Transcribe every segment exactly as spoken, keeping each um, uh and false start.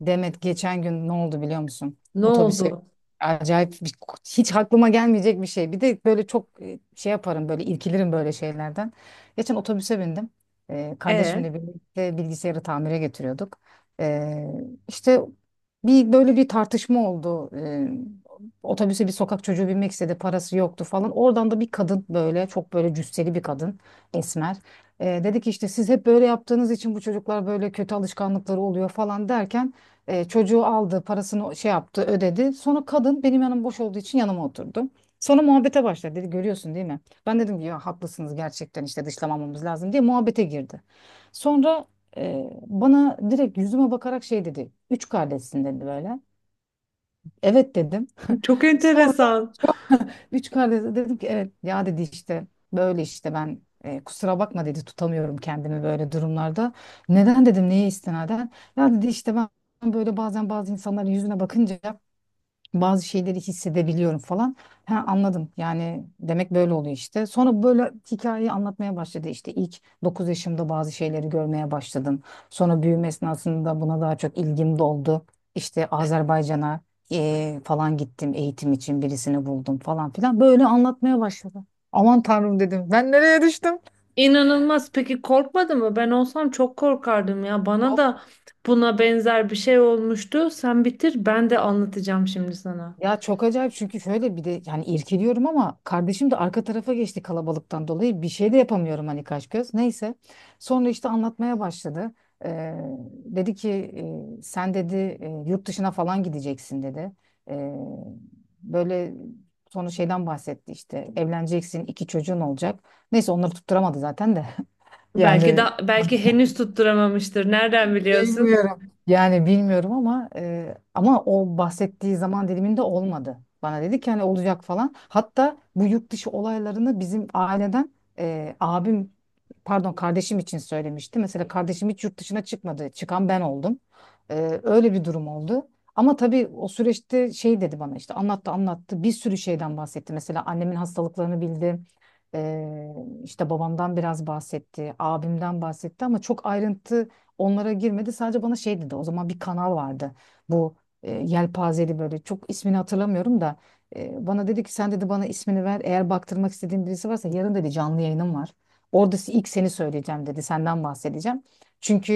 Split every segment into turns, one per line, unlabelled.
Demet geçen gün ne oldu biliyor musun?
Ne
Otobüse
oldu?
acayip bir- hiç aklıma gelmeyecek bir şey. Bir de böyle çok e, şey yaparım böyle irkilirim böyle şeylerden. Geçen otobüse bindim. Ee,
E,
kardeşimle birlikte bilgisayarı tamire getiriyorduk. Ee, işte bir böyle bir tartışma oldu. Ee, otobüse bir sokak çocuğu binmek istedi, parası yoktu falan. Oradan da bir kadın, böyle çok böyle cüsseli bir kadın, esmer. Ee, dedi ki işte siz hep böyle yaptığınız için bu çocuklar böyle kötü alışkanlıkları oluyor falan derken e, çocuğu aldı, parasını şey yaptı, ödedi. Sonra kadın, benim yanım boş olduğu için, yanıma oturdu. Sonra muhabbete başladı. Dedi görüyorsun değil mi? Ben dedim ki ya haklısınız gerçekten, işte dışlamamamız lazım, diye muhabbete girdi. Sonra e, bana direkt yüzüme bakarak şey dedi. Üç kardeşsin dedi böyle. Evet dedim.
Çok
Sonra
enteresan.
üç kardeş dedim ki, evet ya dedi, işte böyle işte ben e, kusura bakma dedi, tutamıyorum kendimi böyle durumlarda. Neden dedim, neye istinaden? Ya dedi işte ben böyle bazen bazı insanların yüzüne bakınca bazı şeyleri hissedebiliyorum falan. Ha, anladım, yani demek böyle oluyor işte. Sonra böyle hikayeyi anlatmaya başladı. İşte ilk dokuz yaşımda bazı şeyleri görmeye başladım. Sonra büyüme esnasında buna daha çok ilgim doldu. İşte Azerbaycan'a eee, falan gittim eğitim için, birisini buldum falan filan, böyle anlatmaya başladı. Aman tanrım dedim, ben nereye düştüm?
İnanılmaz. Peki korkmadı mı? Ben olsam çok korkardım ya. Bana da
Çok
buna benzer bir şey olmuştu. Sen bitir, ben de anlatacağım şimdi sana.
Ya çok acayip, çünkü şöyle bir de yani irkiliyorum ama kardeşim de arka tarafa geçti kalabalıktan dolayı, bir şey de yapamıyorum hani, kaş göz. Neyse, sonra işte anlatmaya başladı. Ee, Dedi ki e, sen dedi, e, yurt dışına falan gideceksin dedi. Ee, Böyle sonra şeyden bahsetti, işte evleneceksin, iki çocuğun olacak. Neyse, onları tutturamadı zaten de
Belki
yani
da belki henüz tutturamamıştır. Nereden biliyorsun?
Bilmiyorum. Yani bilmiyorum ama e, ama o bahsettiği zaman diliminde olmadı. Bana dedi ki hani olacak falan. Hatta bu yurt dışı olaylarını bizim aileden, e, abim pardon kardeşim için söylemişti. Mesela kardeşim hiç yurt dışına çıkmadı. Çıkan ben oldum. E, öyle bir durum oldu. Ama tabii o süreçte şey dedi bana, işte anlattı anlattı, bir sürü şeyden bahsetti. Mesela annemin hastalıklarını bildi. E, işte babamdan biraz bahsetti, abimden bahsetti, ama çok ayrıntı onlara girmedi. Sadece bana şey dedi. O zaman bir kanal vardı. Bu e, yelpazeli, böyle, çok ismini hatırlamıyorum da, e, bana dedi ki sen dedi, bana ismini ver. Eğer baktırmak istediğin birisi varsa, yarın dedi, canlı yayınım var. Orada si- ilk seni söyleyeceğim dedi. Senden bahsedeceğim. Çünkü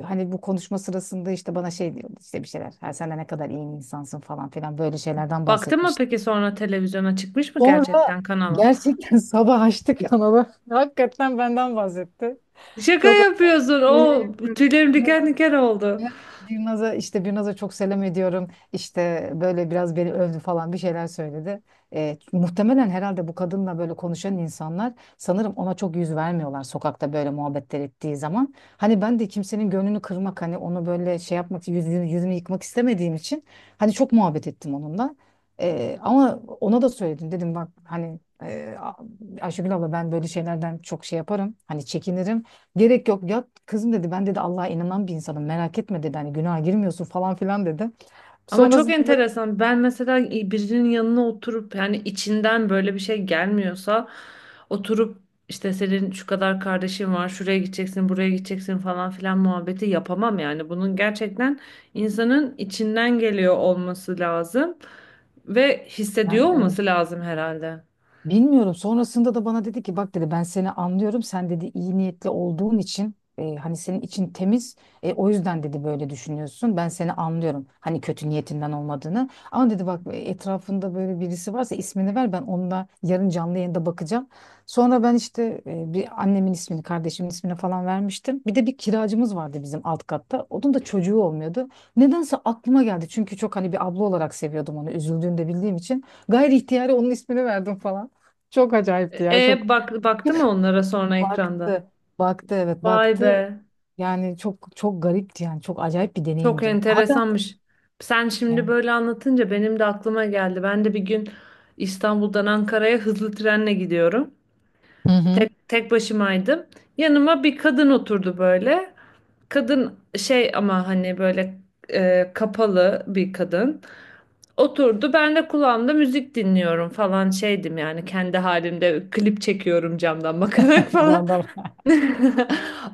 e, hani bu konuşma sırasında işte bana şey diyordu, işte bir şeyler. Ha, sen de ne kadar iyi bir insansın falan filan, böyle şeylerden
Baktın mı
bahsetmişti.
peki sonra televizyona çıkmış mı
Sonra
gerçekten kanala?
gerçekten sabah açtık kanalı. Hakikaten benden bahsetti.
Şaka
Çok
yapıyorsun.
Yemin
O
ediyorum.
tüylerim diken diken oldu.
Evet, Birnaz'a, işte Birnaz'a çok selam ediyorum. İşte böyle biraz beni övdü falan, bir şeyler söyledi. E, muhtemelen herhalde bu kadınla böyle konuşan insanlar, sanırım ona çok yüz vermiyorlar sokakta böyle muhabbetler ettiği zaman. Hani ben de kimsenin gönlünü kırmak, hani onu böyle şey yapmak, yüzünü, yüzünü yıkmak istemediğim için hani çok muhabbet ettim onunla. E, ama ona da söyledim, dedim bak hani e, Ayşegül abla, ben böyle şeylerden çok şey yaparım, hani çekinirim. Gerek yok ya kızım dedi, ben dedi Allah'a inanan bir insanım, merak etme dedi, hani günaha girmiyorsun falan filan dedi.
Ama çok
Sonrasında
enteresan. Ben mesela e, birinin yanına oturup yani içinden böyle bir şey gelmiyorsa oturup işte senin şu kadar kardeşin var, şuraya gideceksin, buraya gideceksin falan filan muhabbeti yapamam yani. Bunun gerçekten insanın içinden geliyor olması lazım ve hissediyor
yani
olması lazım herhalde.
Bilmiyorum. Sonrasında da bana dedi ki, bak dedi, ben seni anlıyorum. Sen dedi iyi niyetli olduğun için, e, hani senin için temiz. E, o yüzden dedi böyle düşünüyorsun. Ben seni anlıyorum. Hani kötü niyetinden olmadığını. Ama dedi bak, e, etrafında böyle birisi varsa ismini ver. Ben onunla yarın canlı yayında bakacağım. Sonra ben işte e, bir annemin ismini, kardeşimin ismini falan vermiştim. Bir de bir kiracımız vardı bizim alt katta. Onun da çocuğu olmuyordu. Nedense aklıma geldi. Çünkü çok, hani bir abla olarak seviyordum onu. Üzüldüğünü de bildiğim için. Gayri ihtiyari onun ismini verdim falan. Çok acayipti
E,
ya, çok.
e, bak baktı mı onlara sonra ekranda?
Baktı. Baktı, evet,
Vay be.
baktı. Yani çok çok garipti, yani çok acayip bir
Çok
deneyimdi. Hala
enteresanmış. Sen şimdi
yani.
böyle anlatınca benim de aklıma geldi. Ben de bir gün İstanbul'dan Ankara'ya hızlı trenle gidiyorum.
Hı hı.
Tek, tek başımaydım. Yanıma bir kadın oturdu böyle. Kadın şey ama hani böyle e, kapalı bir kadın. Oturdu. Ben de kulağımda müzik dinliyorum falan şeydim yani kendi halimde klip çekiyorum camdan bakarak falan.
Jandarma.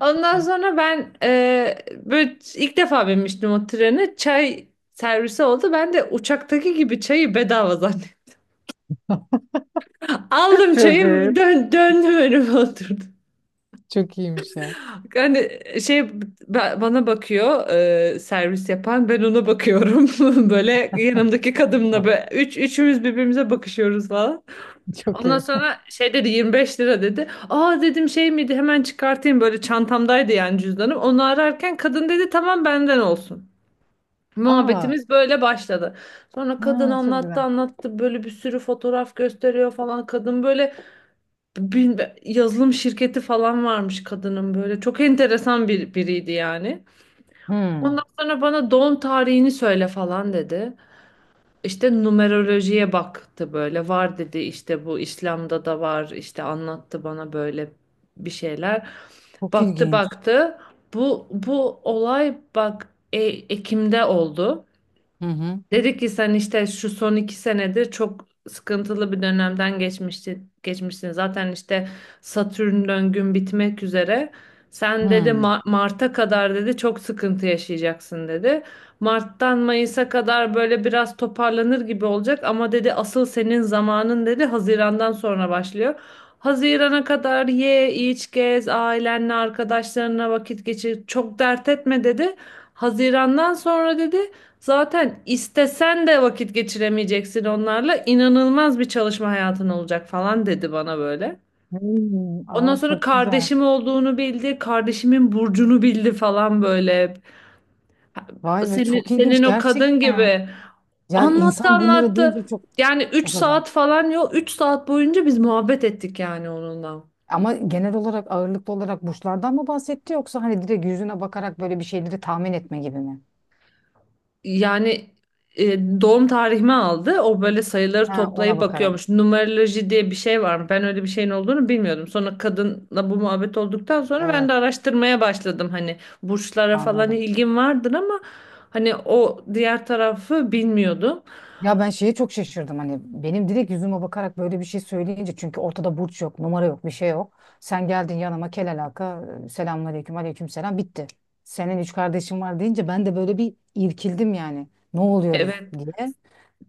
Ondan sonra ben e, böyle ilk defa binmiştim o trene. Çay servisi oldu. Ben de uçaktaki gibi çayı bedava zannettim. Aldım
Çok
çayı
iyi.
dön, döndüm önüme oturdum.
Çok iyiymiş ya.
Hani şey ba- bana bakıyor, e, servis yapan ben ona bakıyorum. Böyle yanımdaki kadınla
Ha.
böyle üç, üçümüz birbirimize bakışıyoruz falan.
Çok
Ondan
iyi.
sonra şey dedi yirmi beş lira dedi. Aa dedim şey miydi, hemen çıkartayım, böyle çantamdaydı yani cüzdanım. Onu ararken kadın dedi tamam benden olsun.
Aa,
Muhabbetimiz böyle başladı. Sonra kadın
ha, çok
anlattı
güzel.
anlattı, böyle bir sürü fotoğraf gösteriyor falan. Kadın böyle bil- yazılım şirketi falan varmış kadının böyle. Çok enteresan bir biriydi yani. Ondan
Hmm,
sonra bana doğum tarihini söyle falan dedi. İşte numerolojiye baktı, böyle var dedi işte, bu İslam'da da var işte, anlattı bana böyle bir şeyler.
çok
Baktı
ilginç.
baktı, bu bu olay bak e- Ekim'de oldu.
Hı hı.
Dedi ki sen işte şu son iki senedir çok sıkıntılı bir dönemden geçmişti, geçmişsin. Zaten işte Satürn döngün bitmek üzere. Sen dedi
Hmm.
Ma- Mart'a kadar dedi çok sıkıntı yaşayacaksın dedi. Mart'tan Mayıs'a kadar böyle biraz toparlanır gibi olacak ama dedi asıl senin zamanın dedi Haziran'dan sonra başlıyor. Hazirana kadar ye, iç, gez, ailenle, arkadaşlarına vakit geçir. Çok dert etme dedi. Hazirandan sonra dedi zaten istesen de vakit geçiremeyeceksin onlarla. İnanılmaz bir çalışma hayatın olacak falan dedi bana böyle.
Hmm,
Ondan
aa,
sonra
çok güzel.
kardeşim olduğunu bildi, kardeşimin burcunu bildi falan böyle.
Vay be,
Senin,
çok ilginç
senin o kadın
gerçekten.
gibi.
Yani
Anlattı
insan bunları
anlattı.
duyunca çok,
Yani üç
çok acayip.
saat falan yok. Üç saat boyunca biz muhabbet ettik yani onunla.
Ama genel olarak ağırlıklı olarak burçlardan mı bahsetti, yoksa hani direkt yüzüne bakarak böyle bir şeyleri tahmin etme gibi mi?
Yani e, doğum tarihimi aldı. O böyle sayıları
Ha, ona
toplayıp
bakarak.
bakıyormuş. Numeroloji diye bir şey var mı? Ben öyle bir şeyin olduğunu bilmiyordum. Sonra kadınla bu muhabbet olduktan sonra ben de
Evet,
araştırmaya başladım. Hani burçlara falan
anladım.
ilgim vardır ama hani o diğer tarafı bilmiyordum.
Ya ben şeye çok şaşırdım, hani benim direkt yüzüme bakarak böyle bir şey söyleyince, çünkü ortada burç yok, numara yok, bir şey yok. Sen geldin yanıma kel alaka, selamünaleyküm, aleyküm selam, bitti. Senin üç kardeşin var deyince, ben de böyle bir irkildim yani. Ne oluyoruz
Evet.
diye.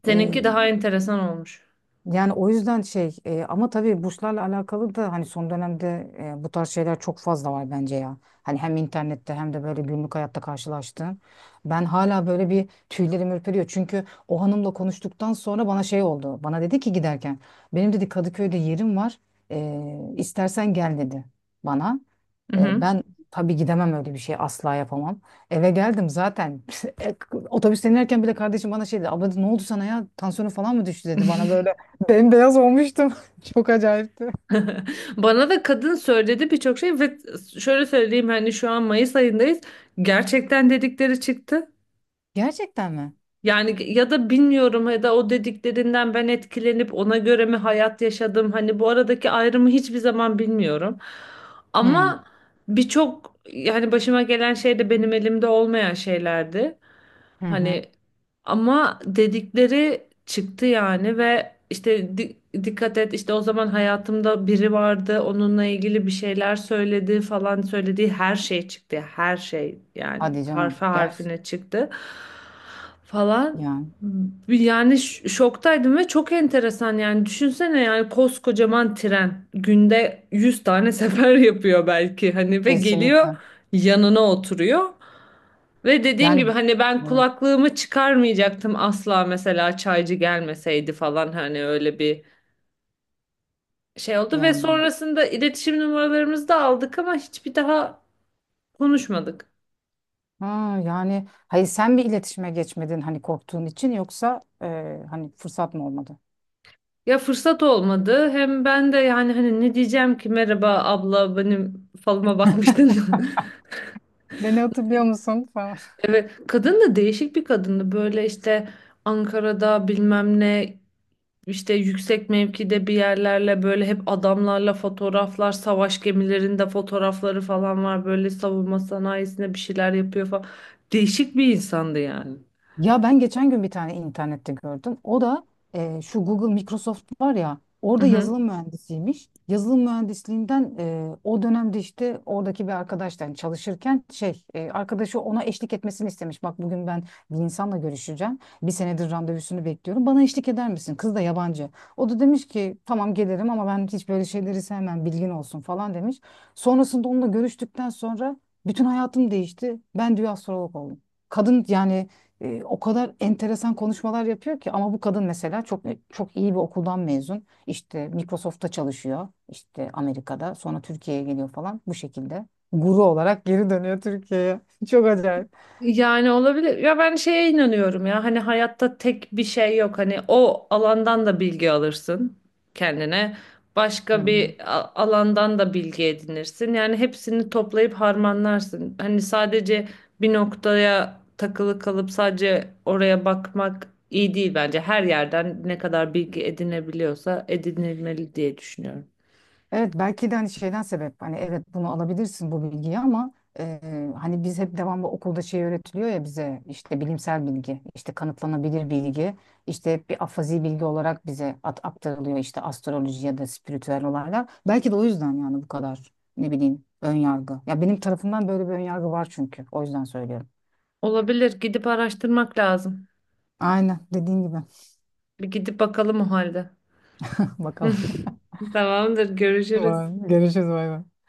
Seninki daha enteresan olmuş.
Yani o yüzden şey, e, ama tabii burslarla alakalı da hani son dönemde e, bu tarz şeyler çok fazla var bence ya. Hani hem internette hem de böyle günlük hayatta karşılaştığım. Ben hala böyle bir, tüylerim ürperiyor. Çünkü o hanımla konuştuktan sonra bana şey oldu. Bana dedi ki giderken, benim dedi Kadıköy'de yerim var. E, istersen gel dedi bana.
Hı
E,
hı.
ben tabii gidemem, öyle bir şey asla yapamam. Eve geldim zaten. Otobüsten inerken bile kardeşim bana şey dedi. Abla dedi, ne oldu sana ya? Tansiyonun falan mı düştü dedi bana böyle. Bembeyaz olmuştum. Çok acayipti.
Bana da kadın söyledi birçok şey ve şöyle söyleyeyim, hani şu an Mayıs ayındayız. Gerçekten dedikleri çıktı.
Gerçekten mi?
Yani ya da bilmiyorum, ya da o dediklerinden ben etkilenip ona göre mi hayat yaşadım? Hani bu aradaki ayrımı hiçbir zaman bilmiyorum.
Hmm.
Ama birçok yani başıma gelen şey de benim elimde olmayan şeylerdi.
Hı hı.
Hani ama dedikleri çıktı yani, ve işte di- dikkat et işte, o zaman hayatımda biri vardı onunla ilgili bir şeyler söyledi falan, söylediği her şey çıktı. Her şey yani
Hadi canım.
harfe
Gel.
harfine çıktı falan.
Yani
Yani ş- şoktaydım ve çok enteresan yani, düşünsene yani, koskocaman tren günde yüz tane sefer yapıyor belki hani ve geliyor
kesinlikle.
yanına oturuyor. Ve dediğim
Yani
gibi hani ben
evet,
kulaklığımı çıkarmayacaktım asla mesela, çaycı gelmeseydi falan, hani öyle bir şey oldu ve
yani.
sonrasında iletişim numaralarımızı da aldık ama hiçbir daha konuşmadık.
Ha, yani hayır, sen bir iletişime geçmedin hani korktuğun için, yoksa e, hani fırsat mı olmadı?
Ya fırsat olmadı, hem ben de yani hani ne diyeceğim ki, merhaba abla benim falıma bakmıştın mı?
Beni hatırlıyor musun falan.
Evet, kadın da değişik bir kadındı böyle işte, Ankara'da bilmem ne, İşte yüksek mevkide bir yerlerle böyle hep adamlarla fotoğraflar, savaş gemilerinde fotoğrafları falan var. Böyle savunma sanayisinde bir şeyler yapıyor falan. Değişik bir insandı yani.
Ya ben geçen gün bir tane internette gördüm. O da e, şu Google Microsoft var ya, orada yazılım
Mhm.
mühendisiymiş. Yazılım mühendisliğinden, e, o dönemde işte oradaki bir arkadaştan, çalışırken şey, e, arkadaşı ona eşlik etmesini istemiş. Bak bugün ben bir insanla görüşeceğim. Bir senedir randevusunu bekliyorum. Bana eşlik eder misin? Kız da yabancı. O da demiş ki tamam gelirim, ama ben hiç böyle şeyleri sevmem, bilgin olsun falan demiş. Sonrasında onunla görüştükten sonra bütün hayatım değişti. Ben, diyor, astrolog oldum. Kadın yani e, o kadar enteresan konuşmalar yapıyor ki, ama bu kadın mesela çok, e, çok iyi bir okuldan mezun. İşte Microsoft'ta çalışıyor. İşte Amerika'da. Sonra Türkiye'ye geliyor falan, bu şekilde. Guru olarak geri dönüyor Türkiye'ye. Çok acayip.
Yani olabilir. Ya ben şeye inanıyorum ya. Hani hayatta tek bir şey yok. Hani o alandan da bilgi alırsın kendine.
Hı
Başka
hı.
bir a- alandan da bilgi edinirsin. Yani hepsini toplayıp harmanlarsın. Hani sadece bir noktaya takılı kalıp sadece oraya bakmak iyi değil bence. Her yerden ne kadar bilgi edinebiliyorsa edinilmeli diye düşünüyorum.
Evet, belki de hani şeyden sebep, hani evet bunu alabilirsin bu bilgiyi, ama e, hani biz hep devamlı okulda şey öğretiliyor ya, bize işte bilimsel bilgi, işte kanıtlanabilir bilgi, işte hep bir afazi bilgi olarak bize at aktarılıyor, işte astroloji ya da spiritüel olaylar, belki de o yüzden yani bu kadar, ne bileyim, ön yargı ya, benim tarafımdan böyle bir ön yargı var, çünkü o yüzden söylüyorum.
Olabilir. Gidip araştırmak lazım.
Aynen dediğin gibi.
Bir gidip bakalım o halde.
Bakalım.
Tamamdır. Görüşürüz.
Vay, görüşürüz, bay bay.